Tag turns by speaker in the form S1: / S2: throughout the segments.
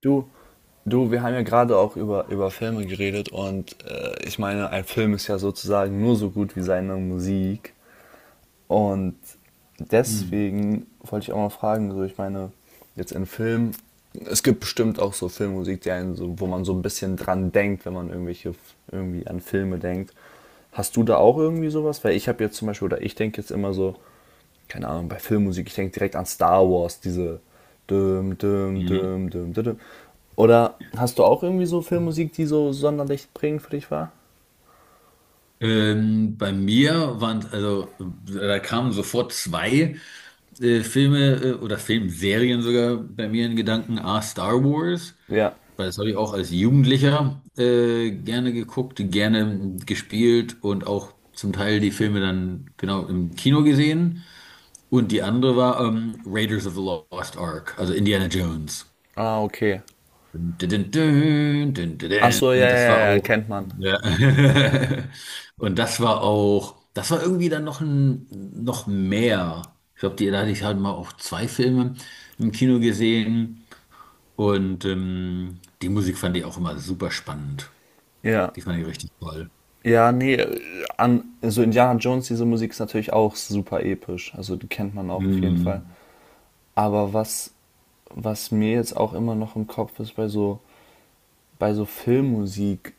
S1: Du, du, wir haben ja gerade auch über Filme geredet und ich meine, ein Film ist ja sozusagen nur so gut wie seine Musik. Und
S2: Hm.
S1: deswegen wollte ich auch mal fragen, so ich meine, jetzt in Filmen, es gibt bestimmt auch so Filmmusik, die einen so, wo man so ein bisschen dran denkt, wenn man irgendwelche irgendwie an Filme denkt. Hast du da auch irgendwie sowas? Weil ich habe jetzt zum Beispiel, oder ich denke jetzt immer so, keine Ahnung, bei Filmmusik, ich denke direkt an Star Wars, diese düm, düm,
S2: Ja.
S1: düm, düm, düm, düm. Oder hast du auch irgendwie so Filmmusik, die so sonderlich prägend für dich war?
S2: Bei mir waren, also da kamen sofort zwei Filme oder Filmserien sogar bei mir in Gedanken. A, Star Wars,
S1: Ja.
S2: weil das habe ich auch als Jugendlicher gerne geguckt, gerne gespielt und auch zum Teil die Filme dann genau im Kino gesehen. Und die andere war Raiders of the Lost Ark, also Indiana Jones.
S1: Ah, okay.
S2: Dün, dün, dün, dün,
S1: Ach
S2: dün,
S1: so,
S2: dün.
S1: ja, ja,
S2: Das war
S1: ja, ja,
S2: auch.
S1: kennt man.
S2: Ja. Und das war auch. Das war irgendwie dann noch mehr. Ich glaube, die da hatte ich halt mal auch zwei Filme im Kino gesehen. Und die Musik fand ich auch immer super spannend.
S1: Ja.
S2: Die fand ich richtig toll.
S1: Ja, nee, an, so Indiana Jones, diese Musik ist natürlich auch super episch. Also die kennt man auch auf jeden Fall.
S2: Mhm.
S1: Aber was, was mir jetzt auch immer noch im Kopf ist bei so Filmmusik,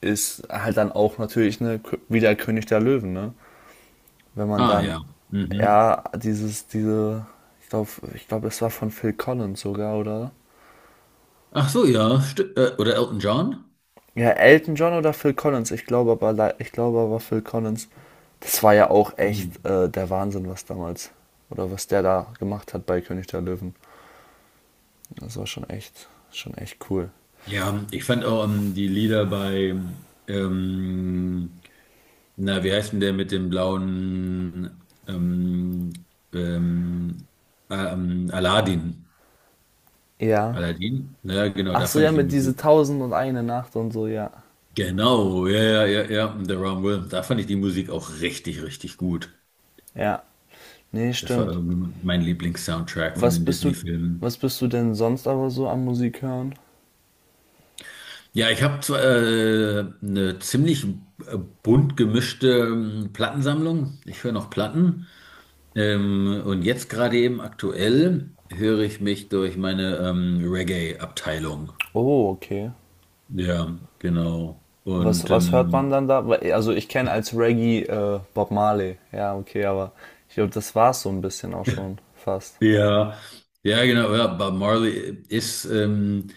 S1: ist halt dann auch natürlich ne, wieder König der Löwen, ne? Wenn man
S2: Ah
S1: dann,
S2: ja. Mhm.
S1: ja, dieses, diese, ich glaube, ich glaube es war von Phil Collins sogar, oder?
S2: Ach so, ja. Oder Elton John?
S1: Ja, Elton John oder Phil Collins, ich glaube aber, ich glaube aber Phil Collins, das war ja auch
S2: Hm.
S1: echt der Wahnsinn, was damals, oder was der da gemacht hat bei König der Löwen. Das war schon echt cool.
S2: Ja, ich fand auch die Lieder bei ähm, na, wie heißt denn der mit dem blauen ähm, Aladdin?
S1: Ja.
S2: Aladdin? Ja, genau,
S1: Ach
S2: da
S1: so,
S2: fand
S1: ja,
S2: ich die
S1: mit diese
S2: Musik.
S1: Tausend und eine Nacht und so, ja.
S2: Genau, ja, ja, ja, ja, und The Wrong Will. Da fand ich die Musik auch richtig, richtig gut.
S1: Ja. Nee,
S2: Das war
S1: stimmt.
S2: irgendwie mein Lieblingssoundtrack von
S1: Was
S2: den
S1: bist du,
S2: Disney-Filmen.
S1: was bist du denn sonst aber so am Musik hören?
S2: Ja, ich habe zwar eine ziemlich bunt gemischte Plattensammlung. Ich höre noch Platten. Und jetzt gerade eben aktuell höre ich mich durch meine Reggae-Abteilung.
S1: Oh, okay.
S2: Ja, genau.
S1: Was, was hört man dann da? Also ich kenne als Reggae Bob Marley. Ja, okay, aber ich glaube, das war es so ein bisschen auch schon fast.
S2: Ja, ja, genau. Ja, Bob Marley ist,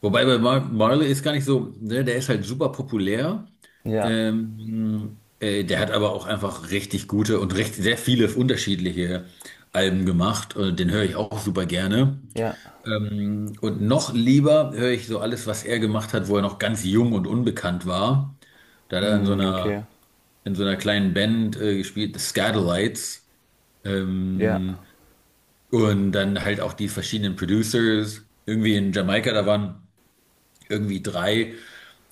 S2: wobei bei Marley ist gar nicht so, ne, der ist halt super populär.
S1: Ja,
S2: Der hat aber auch einfach richtig gute und recht, sehr viele unterschiedliche Alben gemacht. Und den höre ich auch super gerne.
S1: ja,
S2: Und noch lieber höre ich so alles, was er gemacht hat, wo er noch ganz jung und unbekannt war. Da hat er
S1: mm, okay.
S2: in so einer kleinen Band gespielt, The Scatolites.
S1: Ja,
S2: Ähm, und dann halt auch die verschiedenen Producers. Irgendwie in Jamaika, da waren irgendwie drei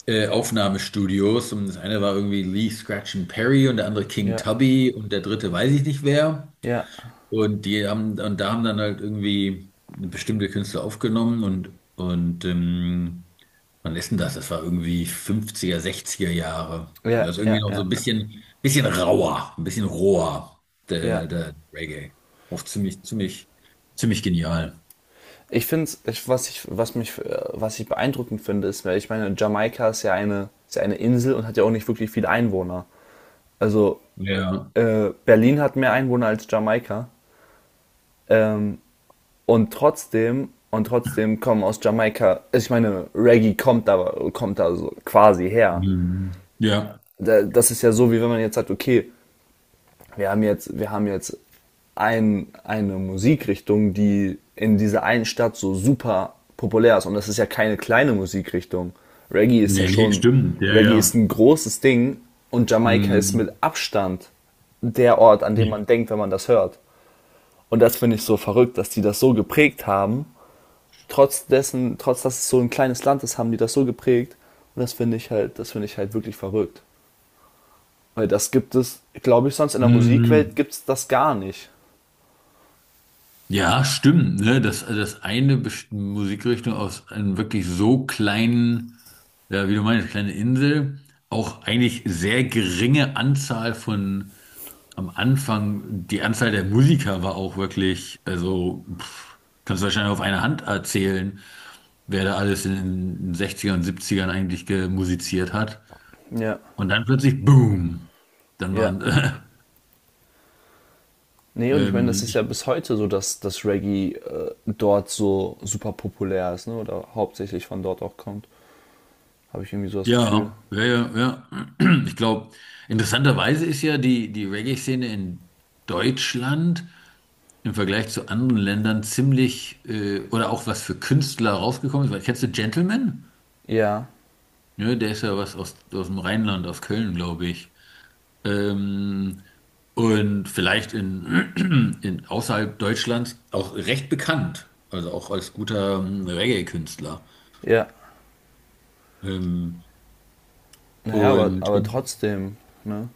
S2: Aufnahmestudios. Und das eine war irgendwie Lee Scratch and Perry und der andere King
S1: ja,
S2: Tubby und der dritte weiß ich nicht wer.
S1: ja,
S2: Und da haben dann halt irgendwie bestimmte Künstler aufgenommen und wann ist denn das? Das war irgendwie fünfziger sechziger Jahre. Und
S1: ja,
S2: das ist irgendwie
S1: ja,
S2: noch so
S1: ja,
S2: ein bisschen rauer, ein bisschen roher, der,
S1: ja.
S2: der Reggae. Auch ziemlich, ziemlich, ziemlich genial.
S1: Ich finde, ich, was mich, was ich beeindruckend finde, ist, weil ich meine, Jamaika ist ja eine Insel und hat ja auch nicht wirklich viele Einwohner. Also
S2: Ja.
S1: Berlin hat mehr Einwohner als Jamaika. Ähm, und trotzdem kommen aus Jamaika, also ich meine, Reggae kommt da so quasi her.
S2: Mhm. Ja.
S1: Das ist ja so, wie wenn man jetzt sagt, okay, wir haben jetzt ein, eine Musikrichtung, die in dieser einen Stadt so super populär ist. Und das ist ja keine kleine Musikrichtung. Reggae ist ja
S2: Nee, nee,
S1: schon,
S2: stimmt. Ja,
S1: Reggae ist
S2: ja.
S1: ein großes Ding und Jamaika ist
S2: Mhm.
S1: mit Abstand der Ort, an dem man denkt, wenn man das hört. Und das finde ich so verrückt, dass die das so geprägt haben, trotz dessen, trotz dass es so ein kleines Land ist, haben die das so geprägt. Und das finde ich halt, das finde ich halt wirklich verrückt. Weil das gibt es, glaube ich, sonst in der Musikwelt
S2: Mhm.
S1: gibt es das gar nicht.
S2: Ja, stimmt, ne? Dass eine Best- Musikrichtung aus einem wirklich so kleinen, ja, wie du meinst, kleine Insel, auch eigentlich sehr geringe Anzahl von am Anfang, die Anzahl der Musiker war auch wirklich, also pff, kannst du wahrscheinlich auf einer Hand erzählen, wer da alles in den 60 und 70 eigentlich gemusiziert hat.
S1: Ja.
S2: Und dann plötzlich, boom, dann
S1: Ja.
S2: waren,
S1: Nee, und ich meine, das
S2: ähm,
S1: ist ja bis heute so, dass das Reggae dort so super populär ist, ne? Oder hauptsächlich von dort auch kommt. Habe ich irgendwie so das Gefühl.
S2: ja, ja, ja, ja. Ich glaube, interessanterweise ist ja die Reggae-Szene in Deutschland im Vergleich zu anderen Ländern ziemlich, oder auch was für Künstler rausgekommen ist. Weil, kennst du Gentleman?
S1: Ja,
S2: Ne, der ist ja was aus, aus dem Rheinland, aus Köln, glaube ich. Ähm, und vielleicht in außerhalb Deutschlands auch recht bekannt. Also auch als guter Reggae-Künstler.
S1: ja.
S2: Ähm,
S1: Naja,
S2: und
S1: aber
S2: in,
S1: trotzdem, ne?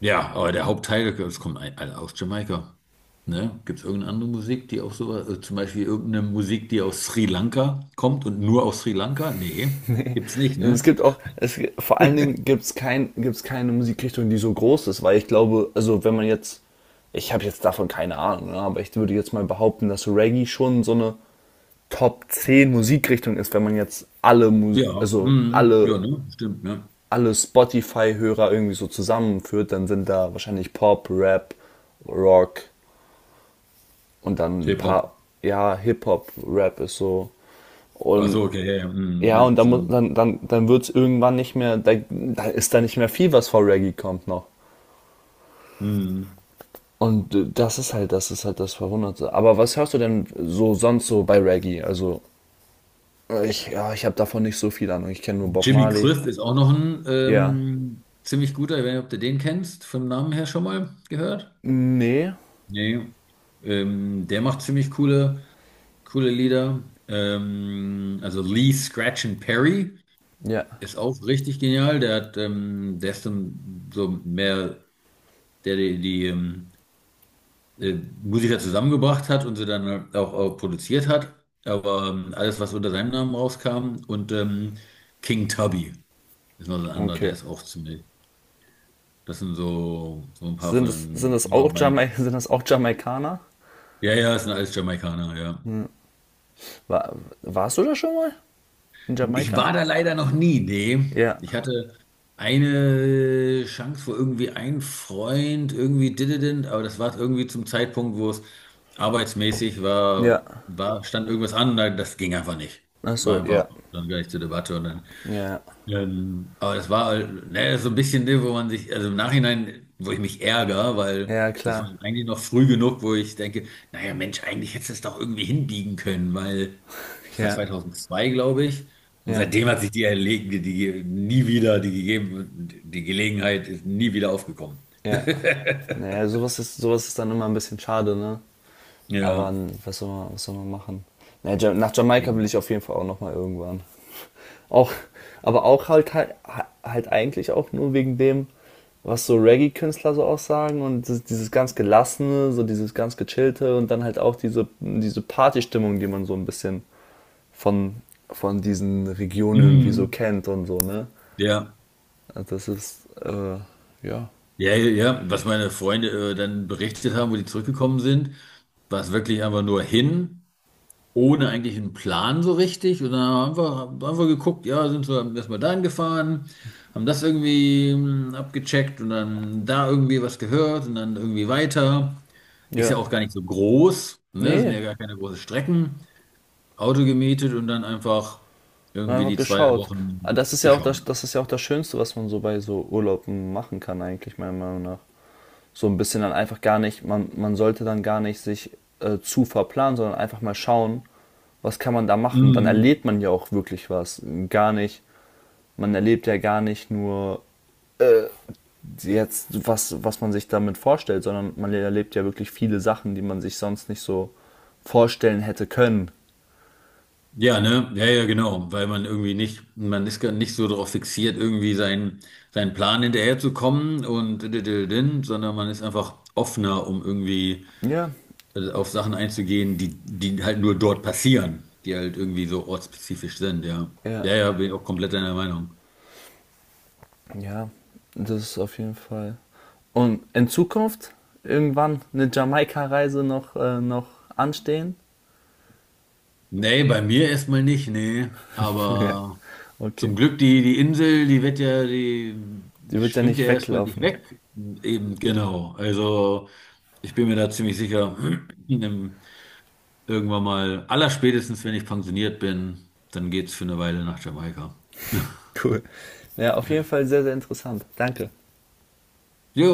S2: Ja, aber der Hauptteil, das kommt ein- alle aus Jamaika. Ne? Gibt es irgendeine andere Musik, die auch so, also zum Beispiel irgendeine Musik, die aus Sri Lanka kommt und nur aus Sri Lanka? Nee, gibt's nicht,
S1: Es
S2: ne?
S1: gibt auch, es, vor allen Dingen gibt es kein, gibt's keine Musikrichtung, die so groß ist, weil ich glaube, also wenn man jetzt, ich habe jetzt davon keine Ahnung, ne, aber ich würde jetzt mal behaupten, dass Reggae schon so eine Top 10 Musikrichtung ist, wenn man jetzt alle, Mus
S2: Ja,
S1: also
S2: mm,
S1: alle,
S2: ja, ne? Stimmt, ne?
S1: alle Spotify-Hörer irgendwie so zusammenführt, dann sind da wahrscheinlich Pop, Rap, Rock und dann ein paar,
S2: K-Pop.
S1: ja, Hip-Hop, Rap ist so.
S2: Ach
S1: Und
S2: so, okay, ja, ja, mm,
S1: ja, und
S2: ja,
S1: dann,
S2: stimmt.
S1: dann, dann, dann wird es irgendwann nicht mehr, da, da ist da nicht mehr viel, was vor Reggae kommt noch.
S2: Mm.
S1: Und das ist halt, das ist halt das Verwunderte. Aber was hörst du denn so sonst so bei Reggae? Also, ich, ja, ich habe davon nicht so viel Ahnung. Ich kenne nur Bob
S2: Jimmy
S1: Marley.
S2: Cliff ist auch noch ein
S1: Ja.
S2: ziemlich guter, ich weiß nicht, ob du den kennst, vom Namen her schon mal gehört?
S1: Nee.
S2: Nee. Der macht ziemlich coole. Coole Lieder. Also Lee Scratch and Perry
S1: Ja.
S2: ist auch richtig genial. Der hat, der ist dann so mehr, der die äh, Musiker zusammengebracht hat und sie dann auch, auch produziert hat. Aber alles, was unter seinem Namen rauskam. Und King Tubby ist noch so ein anderer, der
S1: Okay.
S2: ist auch ziemlich. Das sind so, so ein paar
S1: Sind
S2: von,
S1: es
S2: ja,
S1: auch
S2: meine.
S1: Jamaik sind das auch Jamaikaner?
S2: Ja, ja, es sind alles Jamaikaner, ja.
S1: War, warst du da schon mal? In
S2: Ich
S1: Jamaika?
S2: war da leider noch nie, nee.
S1: Ja.
S2: Ich hatte eine Chance, wo irgendwie ein Freund irgendwie dididin, aber das war irgendwie zum Zeitpunkt, wo es arbeitsmäßig
S1: Ja.
S2: stand irgendwas an, da- das ging einfach nicht.
S1: Ach
S2: War
S1: so,
S2: einfach
S1: ja.
S2: dann gar nicht zur Debatte und dann
S1: Ja.
S2: aber das war halt, ne, das ist so ein bisschen, ne, wo man sich, also im Nachhinein, wo ich mich ärgere, weil
S1: Ja,
S2: das war
S1: klar.
S2: eigentlich noch früh genug, wo ich denke, naja, Mensch, eigentlich hättest du es doch irgendwie hinbiegen können, weil das war
S1: Ja.
S2: 2002, glaube ich. Und
S1: Ja.
S2: seitdem hat sich die, erlegen, die, die nie wieder, die gegeben, die Gelegenheit ist nie wieder aufgekommen.
S1: Ja. Naja, sowas ist dann immer ein bisschen schade, ne? Aber
S2: Ja,
S1: was soll man machen? Naja, nach Jamaika will
S2: eben.
S1: ich auf jeden Fall auch nochmal irgendwann. Auch, aber auch halt, halt, halt eigentlich auch nur wegen dem, was so Reggae-Künstler so aussagen und dieses, dieses ganz Gelassene, so dieses ganz Gechillte und dann halt auch diese, diese Partystimmung, die man so ein bisschen von, von diesen Regionen irgendwie so
S2: Mhm.
S1: kennt und so, ne?
S2: Ja,
S1: Also das ist, ja.
S2: ja, ja, ja. Was meine Freunde dann berichtet haben, wo die zurückgekommen sind, war es wirklich einfach nur hin, ohne eigentlich einen Plan so richtig. Und dann haben wir geguckt, ja, sind wir erstmal dahin gefahren, haben das irgendwie abgecheckt und dann da irgendwie was gehört und dann irgendwie weiter. Ist ja
S1: Ja.
S2: auch gar nicht so groß, ne? Sind
S1: Nee,
S2: ja gar keine großen Strecken. Auto gemietet und dann einfach
S1: und
S2: irgendwie
S1: einfach
S2: die zwei
S1: geschaut. Ah,
S2: Wochen
S1: das ist ja auch
S2: geschaut.
S1: das, das ist ja auch das Schönste, was man so bei so Urlauben machen kann, eigentlich, meiner Meinung nach. So ein bisschen dann einfach gar nicht, man sollte dann gar nicht sich zu verplanen, sondern einfach mal schauen, was kann man da machen. Dann
S2: Mhm.
S1: erlebt man ja auch wirklich was. Gar nicht, man erlebt ja gar nicht nur äh, jetzt, was, was man sich damit vorstellt, sondern man erlebt ja wirklich viele Sachen, die man sich sonst nicht so vorstellen hätte können.
S2: Ja, ne? Ja, ja, genau. Weil man irgendwie nicht, man ist gar nicht so darauf fixiert, irgendwie seinen Plan hinterherzukommen und diddididdin, sondern man ist einfach offener, um irgendwie
S1: Ja,
S2: auf Sachen einzugehen, die halt nur dort passieren, die halt irgendwie so ortsspezifisch sind, ja.
S1: ja.
S2: Ja, ja, bin ich auch komplett deiner Meinung.
S1: Ja, das ist auf jeden Fall. Und in Zukunft irgendwann eine Jamaika-Reise noch, noch anstehen?
S2: Nee, bei mir erstmal nicht, nee.
S1: Ja,
S2: Aber
S1: okay.
S2: zum Glück, die Insel, die
S1: Die wird ja
S2: schwimmt
S1: nicht
S2: ja erstmal nicht
S1: weglaufen.
S2: weg. Eben, genau. Also. Ich bin mir da ziemlich sicher, in- irgendwann mal, allerspätestens wenn ich pensioniert bin, dann geht's für eine Weile nach Jamaika.
S1: Cool. Ja, auf jeden Fall sehr, sehr interessant. Danke.
S2: Jo.